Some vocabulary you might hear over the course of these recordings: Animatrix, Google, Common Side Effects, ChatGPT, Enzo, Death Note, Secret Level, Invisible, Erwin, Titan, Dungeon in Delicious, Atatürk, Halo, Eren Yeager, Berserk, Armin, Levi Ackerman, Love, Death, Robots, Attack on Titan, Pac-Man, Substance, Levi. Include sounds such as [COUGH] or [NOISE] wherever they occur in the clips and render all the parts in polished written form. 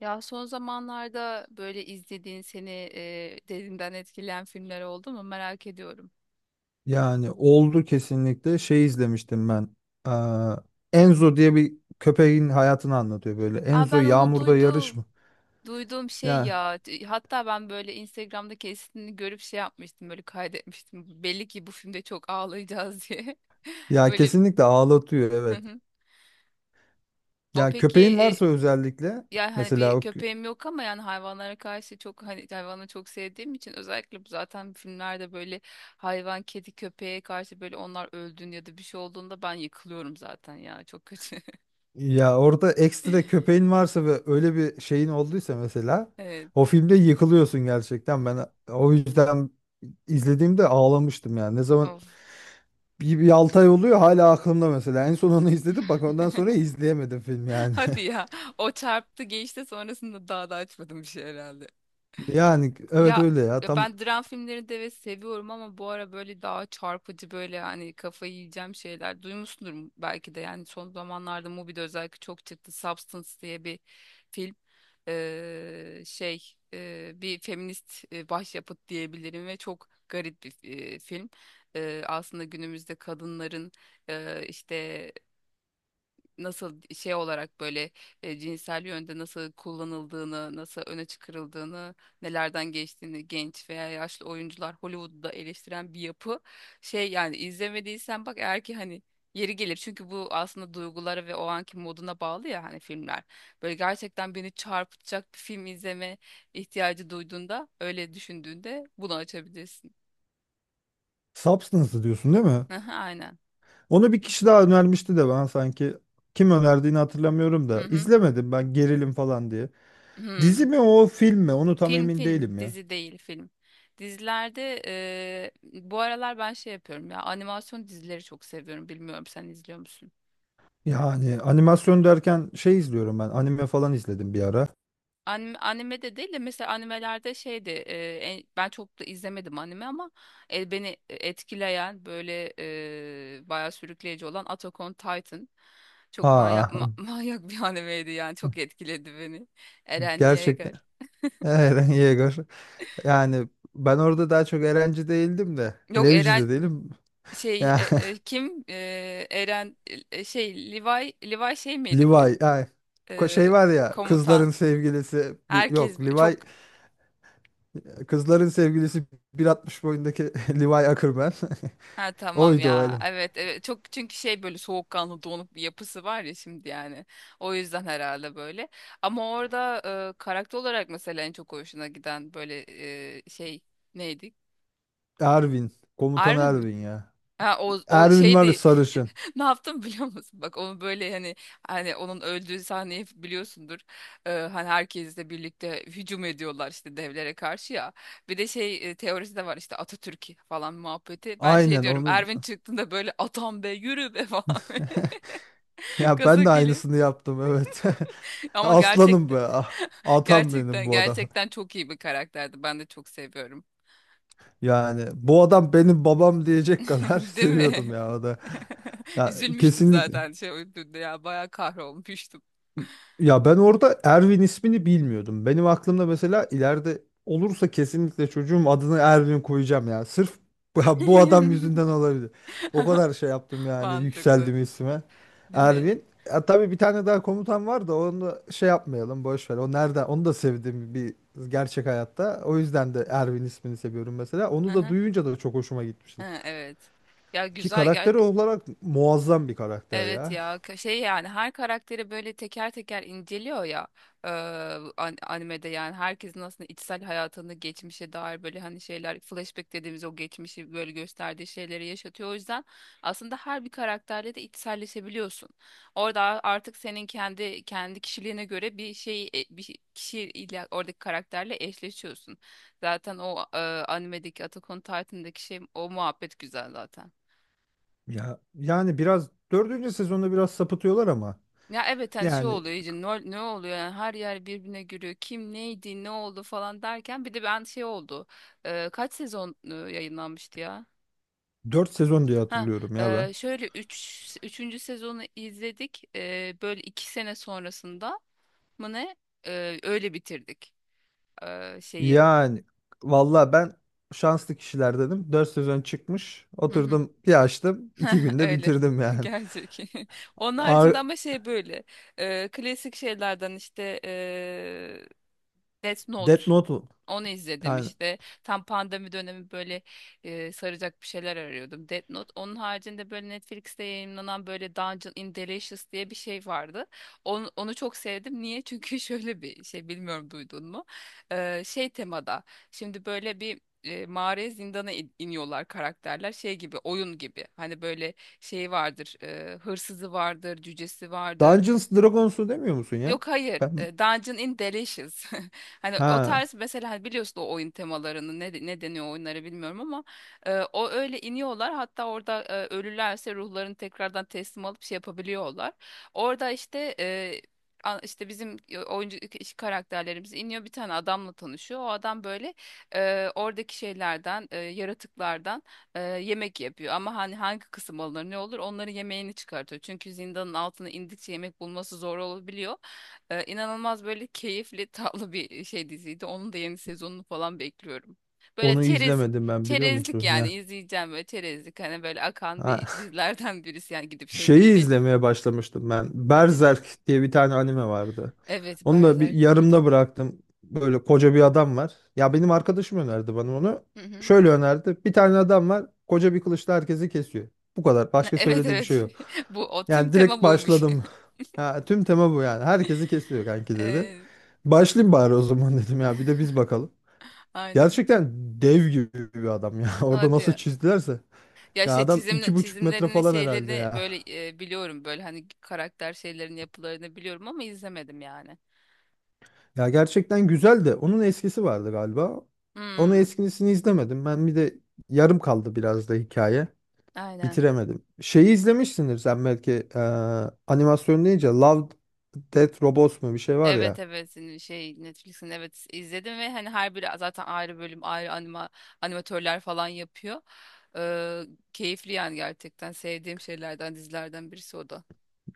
Ya son zamanlarda böyle izlediğin seni derinden etkileyen filmler oldu mu merak ediyorum. Yani oldu kesinlikle. Şey izlemiştim ben. Eee, Enzo diye bir köpeğin hayatını anlatıyor böyle. Aa Enzo ben onu yağmurda yarış duydum. mı? Duyduğum şey Ya ya. Hatta ben böyle Instagram'da kesitini görüp şey yapmıştım böyle kaydetmiştim. Belli ki bu filmde çok ağlayacağız diye. [LAUGHS] ya Böyle. kesinlikle ağlatıyor, Hı evet. hı. O Ya peki köpeğin e, varsa özellikle Yani hani bir mesela köpeğim yok ama yani hayvanlara karşı çok hani hayvanı çok sevdiğim için özellikle bu zaten filmlerde böyle hayvan, kedi, köpeğe karşı böyle onlar öldüğünde ya da bir şey olduğunda ben yıkılıyorum zaten ya çok kötü. ya orada ekstra köpeğin varsa ve öyle bir şeyin olduysa mesela [LAUGHS] Evet. o filmde yıkılıyorsun gerçekten. Ben o yüzden izlediğimde ağlamıştım yani. Ne zaman Of. bir 6 ay oluyor hala aklımda mesela. En son onu izledim bak, ondan sonra izleyemedim film [LAUGHS] yani. Hadi [LAUGHS] ya. O çarptı geçti, sonrasında daha da açmadım bir şey herhalde. Yani evet, Ya öyle ya. ya Tam ben dram filmlerini de evet seviyorum ama bu ara böyle daha çarpıcı böyle hani kafayı yiyeceğim şeyler duymuşsundur belki de, yani son zamanlarda Mubi'de özellikle çok çıktı Substance diye bir film. Şey, bir feminist başyapıt diyebilirim ve çok garip bir film. Aslında günümüzde kadınların işte nasıl şey olarak böyle cinsel yönde nasıl kullanıldığını, nasıl öne çıkarıldığını, nelerden geçtiğini genç veya yaşlı oyuncular Hollywood'da eleştiren bir yapı. Şey, yani izlemediysen bak, eğer ki hani yeri gelir, çünkü bu aslında duygulara ve o anki moduna bağlı ya hani filmler. Böyle gerçekten beni çarpıtacak bir film izleme ihtiyacı duyduğunda, öyle düşündüğünde bunu açabilirsin. Substance diyorsun değil mi? [LAUGHS] Aynen. Onu bir kişi daha önermişti de ben sanki kim önerdiğini hatırlamıyorum Hı da hı. izlemedim ben, gerilim falan diye. Dizi Hı. mi, o film mi? Onu tam Film emin film değilim ya. dizi değil, film. Dizilerde bu aralar ben şey yapıyorum ya, animasyon dizileri çok seviyorum. Bilmiyorum, sen izliyor musun? Yani animasyon derken şey izliyorum ben. Anime falan izledim bir ara. Anime, anime de değil de mesela animelerde şeydi, ben çok da izlemedim anime ama beni etkileyen böyle, bayağı sürükleyici olan Attack on Titan. Çok manyak, Aa [LAUGHS] manyak bir animeydi yani, çok etkiledi beni. [LAUGHS] Eren gerçekten [LAUGHS] Yeager. Eren Yeager. Yani ben orada daha çok Erenci değildim de Yok Levici Eren de değilim. şey Ya [LAUGHS] kim, Eren, şey, Levi şey miydi Levi böyle. ay, şey E, var ya, Komutan, kızların sevgilisi, herkes yok çok, Levi, kızların sevgilisi, 1,60 boyundaki [LAUGHS] Levi Ackerman. ha [LAUGHS] tamam Oydu o ya, adam. evet evet, çok çünkü şey böyle soğukkanlı donuk bir yapısı var ya şimdi yani, o yüzden herhalde böyle. Ama orada karakter olarak mesela en çok hoşuna giden böyle şey, neydi? Erwin. Komutan Armin mi? Erwin ya. Ha, o Erwin var ya, şeydi. [LAUGHS] sarışın. Ne yaptım biliyor musun? Bak, onu böyle hani, onun öldüğü sahneyi biliyorsundur. Hani herkesle birlikte hücum ediyorlar işte devlere karşı ya. Bir de şey, teorisi de var işte, Atatürk falan muhabbeti. Ben şey Aynen diyorum, onu. Erwin çıktığında böyle, atam be, yürü be [LAUGHS] falan [LAUGHS] Ya gaza ben de geliyor. aynısını yaptım, evet. [LAUGHS] Ama Aslanım gerçekten be. [LAUGHS] Ah. Atam benim gerçekten bu adam. gerçekten çok iyi bir karakterdi. Ben de çok seviyorum. Yani bu adam benim babam diyecek kadar [LAUGHS] [LAUGHS] Değil seviyordum mi? ya o da. [LAUGHS] Ya Üzülmüştüm kesinlikle. zaten şey öldüğünde ya, bayağı kahrolmuştum. Ya ben orada Erwin ismini bilmiyordum. Benim aklımda mesela ileride olursa kesinlikle çocuğum adını Erwin koyacağım ya. Sırf bu [LAUGHS] bu adam yüzünden [LAUGHS] olabilir. O kadar şey yaptım yani, Mantıklı, yükseldim isme. değil mi? Erwin. Ya tabii bir tane daha komutan var da onu da şey yapmayalım, boş ver. O nerede? Onu da sevdim bir, gerçek hayatta. O yüzden de Erwin ismini seviyorum mesela. Hı Onu da hı. duyunca da çok hoşuma gitmişti. Ha, evet. Ya Ki güzel ya. karakteri olarak muazzam bir karakter Evet ya. ya şey, yani her karakteri böyle teker teker inceliyor ya e, animede. Yani herkesin aslında içsel hayatını, geçmişe dair böyle hani şeyler, flashback dediğimiz o geçmişi böyle gösterdiği şeyleri yaşatıyor. O yüzden aslında her bir karakterle de içselleşebiliyorsun. Orada artık senin kendi kişiliğine göre bir şey, kişiyle, oradaki karakterle eşleşiyorsun. Zaten o animedeki, Attack on Titan'daki şey, o muhabbet güzel zaten. Ya yani biraz dördüncü sezonda biraz sapıtıyorlar ama. Ya evet, hani şey Yani oluyor iyice, ne oluyor yani, her yer birbirine giriyor, kim neydi ne oldu falan derken bir de ben şey oldu. Kaç sezon yayınlanmıştı ya? dört sezon diye Ha, hatırlıyorum ya ben. Şöyle üçüncü sezonu izledik. Böyle 2 sene sonrasında mı ne. Öyle bitirdik, şeyi. Yani valla ben şanslı kişiler dedim. Dört sezon çıkmış. Hı hı. Oturdum bir açtım. İki [LAUGHS] günde Öyle. bitirdim [LAUGHS] yani. Gerçek. [LAUGHS] Onun haricinde Ar ama şey böyle, klasik şeylerden işte, Death Note. Death Note mu? Onu izledim Yani işte. Tam pandemi dönemi böyle saracak bir şeyler arıyordum. Death Note. Onun haricinde böyle Netflix'te yayınlanan böyle Dungeon in Delicious diye bir şey vardı. Onu çok sevdim. Niye? [LAUGHS] Çünkü şöyle bir şey, bilmiyorum duydun mu? Şey temada. Şimdi böyle bir mağaraya, zindana iniyorlar karakterler. Şey gibi, oyun gibi. Hani böyle şey vardır, hırsızı vardır, cücesi vardır. Dungeons Dragons'u demiyor musun ya? Yok hayır. Ben Dungeon in Delicious. [LAUGHS] Hani o ha, tarz, mesela hani biliyorsun o oyun temalarını, ne deniyor o oyunlara bilmiyorum ama o, öyle iniyorlar. Hatta orada ölürlerse ruhlarını tekrardan teslim alıp şey yapabiliyorlar. Orada işte işte bizim oyuncu karakterlerimiz iniyor, bir tane adamla tanışıyor. O adam böyle oradaki şeylerden, yaratıklardan yemek yapıyor. Ama hani hangi kısım alınır ne olur, onların yemeğini çıkartıyor. Çünkü zindanın altına indikçe yemek bulması zor olabiliyor. İnanılmaz böyle keyifli tatlı bir şey diziydi. Onun da yeni sezonunu falan bekliyorum. Böyle onu çerez izlemedim ben biliyor çerezlik musun yani, ya? izleyeceğim böyle çerezlik hani, böyle akan Ha, bir dizilerden [LAUGHS] birisi yani, gidip şey gibi şeyi değil. izlemeye başlamıştım ben. Nedir? Berserk diye bir tane anime vardı. Evet, Onu da bir Berserk yarımda duydum. bıraktım. Böyle koca bir adam var. Ya benim arkadaşım önerdi bana onu. Hı hı. Şöyle önerdi. Bir tane adam var. Koca bir kılıçla herkesi kesiyor. Bu kadar. Başka Evet söylediği bir şey evet. yok. [LAUGHS] Bu o, tüm Yani tema direkt buymuş. başladım. [LAUGHS] Ha, tüm tema bu yani. Herkesi kesiyor kanki dedi. Evet, Başlayayım bari o zaman [LAUGHS] dedim ya. Bir de biz bakalım. aynen. Gerçekten dev gibi bir adam ya. [LAUGHS] Orada Hadi nasıl ya. çizdilerse. Ya Ya şey, adam çizim iki buçuk metre çizimlerini falan herhalde şeylerini ya. böyle biliyorum, böyle hani karakter şeylerin yapılarını biliyorum ama izlemedim yani. Ya gerçekten güzel de onun eskisi vardı galiba. Onun Hmm, eskisini izlemedim. Ben bir de yarım kaldı biraz da hikaye. aynen. Bitiremedim. Şeyi izlemişsindir sen belki, animasyon deyince Love, Death, Robots mu bir şey var Evet ya. evet, senin şey, Netflix'in, evet izledim ve hani her biri zaten ayrı bölüm, ayrı animatörler falan yapıyor. Ee, Keyifli yani, gerçekten sevdiğim şeylerden, dizilerden birisi o da.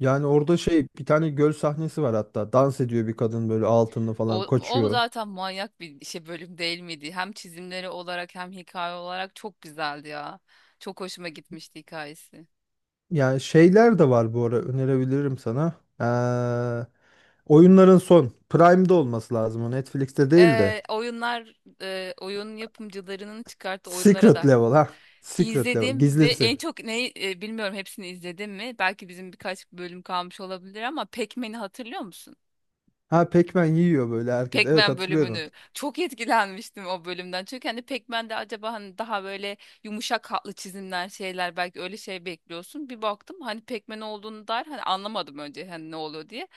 Yani orada şey, bir tane göl sahnesi var hatta. Dans ediyor bir kadın böyle, altınlı O, falan o kaçıyor. zaten manyak bir şey, bölüm değil miydi? Hem çizimleri olarak hem hikaye olarak çok güzeldi ya. Çok hoşuma gitmişti hikayesi. Yani şeyler de var bu ara, önerebilirim sana. Eee, oyunların son Prime'de olması lazım, o Netflix'te değil de. Oyunlar, oyun yapımcılarının çıkarttığı oyunlara Secret da. Level ha. Secret Level İzledim ve gizlisi. en çok neyi, bilmiyorum hepsini izledim mi? Belki bizim birkaç bölüm kalmış olabilir ama Pac-Man'i hatırlıyor musun? Ha, Pac-Man yiyor böyle herkes. Evet, Pac-Man hatırlıyorum. bölümünü. Çok etkilenmiştim o bölümden. Çünkü hani Pac-Man'de acaba hani daha böyle yumuşak hatlı çizimler, şeyler belki, öyle şey bekliyorsun. Bir baktım hani Pac-Man olduğunu dair, hani anlamadım önce, hani ne oluyor diye.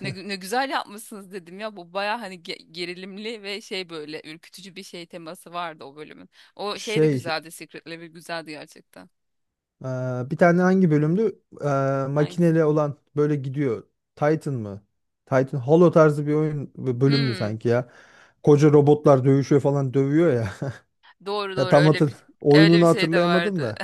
Ne güzel yapmışsınız dedim ya, bu baya hani gerilimli ve şey, böyle ürkütücü bir şey teması vardı o bölümün. O şey de Şey güzeldi, Secret Level güzeldi gerçekten. e, bir tane hangi bölümdü? E, Hangisi? makineli olan böyle gidiyor. Titan mı? Titan Halo tarzı bir oyun bir bölümdü Hmm, sanki ya. Koca robotlar dövüşüyor falan, dövüyor ya. [LAUGHS] doğru Ya doğru, tam öyle hatır bir öyle bir oyununu şey de hatırlayamadım vardı. da.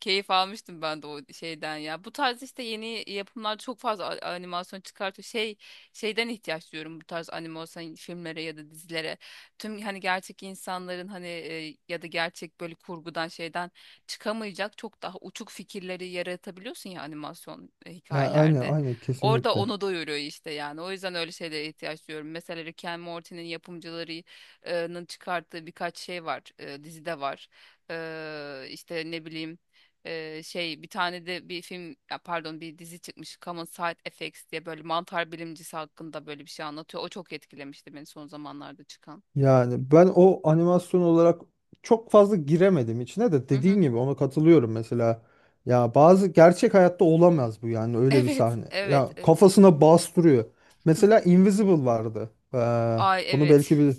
Keyif almıştım ben de o şeyden ya. Bu tarz işte, yeni yapımlarda çok fazla animasyon çıkartıyor. Şey, ihtiyaç duyuyorum bu tarz animasyon filmlere ya da dizilere. Tüm hani gerçek insanların hani ya da gerçek böyle, kurgudan, şeyden çıkamayacak çok daha uçuk fikirleri yaratabiliyorsun ya animasyon Ya aynı hikayelerde. aynı Orada kesinlikle. onu doyuruyor işte yani. O yüzden öyle şeylere ihtiyaç duyuyorum. Mesela Rick and Morty'nin yapımcılarının çıkarttığı birkaç şey var. Dizide var. İşte ne bileyim, şey, bir tane de bir film ya pardon, bir dizi çıkmış Common Side Effects diye, böyle mantar bilimcisi hakkında böyle bir şey anlatıyor. O çok etkilemişti beni, son zamanlarda çıkan. Yani ben o animasyon olarak çok fazla giremedim içine de, Hı hı. dediğin gibi ona katılıyorum mesela. Ya bazı gerçek hayatta olamaz bu yani, [LAUGHS] öyle bir Evet, sahne. evet, Ya evet. kafasına bastırıyor. Mesela Invisible vardı. Ay Bunu evet. belki bir,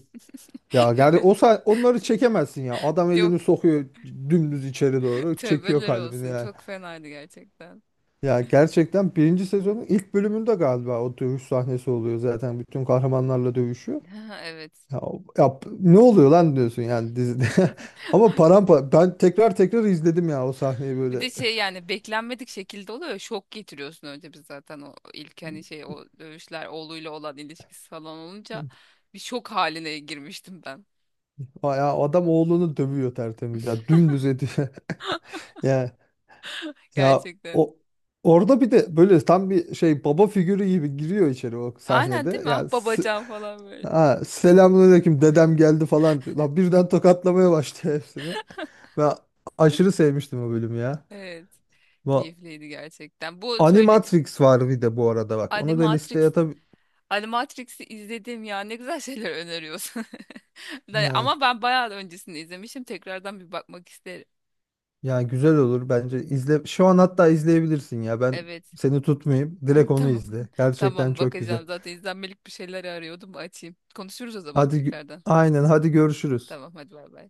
ya gerçi [LAUGHS] onları çekemezsin ya. Adam elini Yok, sokuyor dümdüz içeri doğru, çekiyor tövbeler kalbini olsun. yani. Çok fenaydı gerçekten. Ya gerçekten birinci sezonun ilk bölümünde galiba o dövüş sahnesi oluyor zaten, bütün kahramanlarla dövüşüyor. Ha, evet. Ya, ne oluyor lan diyorsun yani dizide. [LAUGHS] [LAUGHS] Ama parampa ben tekrar tekrar izledim ya o sahneyi Bir böyle. de şey yani, beklenmedik şekilde oluyor. Ya, şok getiriyorsun. Önce biz zaten o ilk hani şey, o dövüşler, oğluyla olan ilişkisi falan olunca [LAUGHS] bir şok haline girmiştim ben. Aa, ya adam oğlunu dövüyor tertemiz ya, dümdüz ediyor. [LAUGHS] Ya ya Gerçekten. o orada bir de böyle tam bir şey baba figürü gibi giriyor içeri o Aynen, sahnede. değil mi? Ah, babacan falan böyle. Ha, selamünaleyküm dedem geldi falan diyor. Lan birden tokatlamaya başlıyor [LAUGHS] hepsini. Ben aşırı sevmiştim o bölümü ya. Evet. Bu Keyifliydi gerçekten. Bu söyle, Animatrix var bir de bu arada bak. Onu da listeye Animatrix tabii, Animatrix'i izledim ya. Ne güzel şeyler öneriyorsun. [LAUGHS] Yani Ama ben bayağı öncesini izlemişim. Tekrardan bir bakmak isterim. ya güzel olur bence. İzle. Şu an hatta izleyebilirsin ya. Ben Evet. seni tutmayayım. Direkt [LAUGHS] onu Tamam. izle. [LAUGHS] Gerçekten Tamam çok güzel. bakacağım. Zaten izlenmelik bir şeyler arıyordum. Açayım. Konuşuruz o zaman Hadi gü- tekrardan. aynen, hadi görüşürüz. Tamam hadi, bay bay.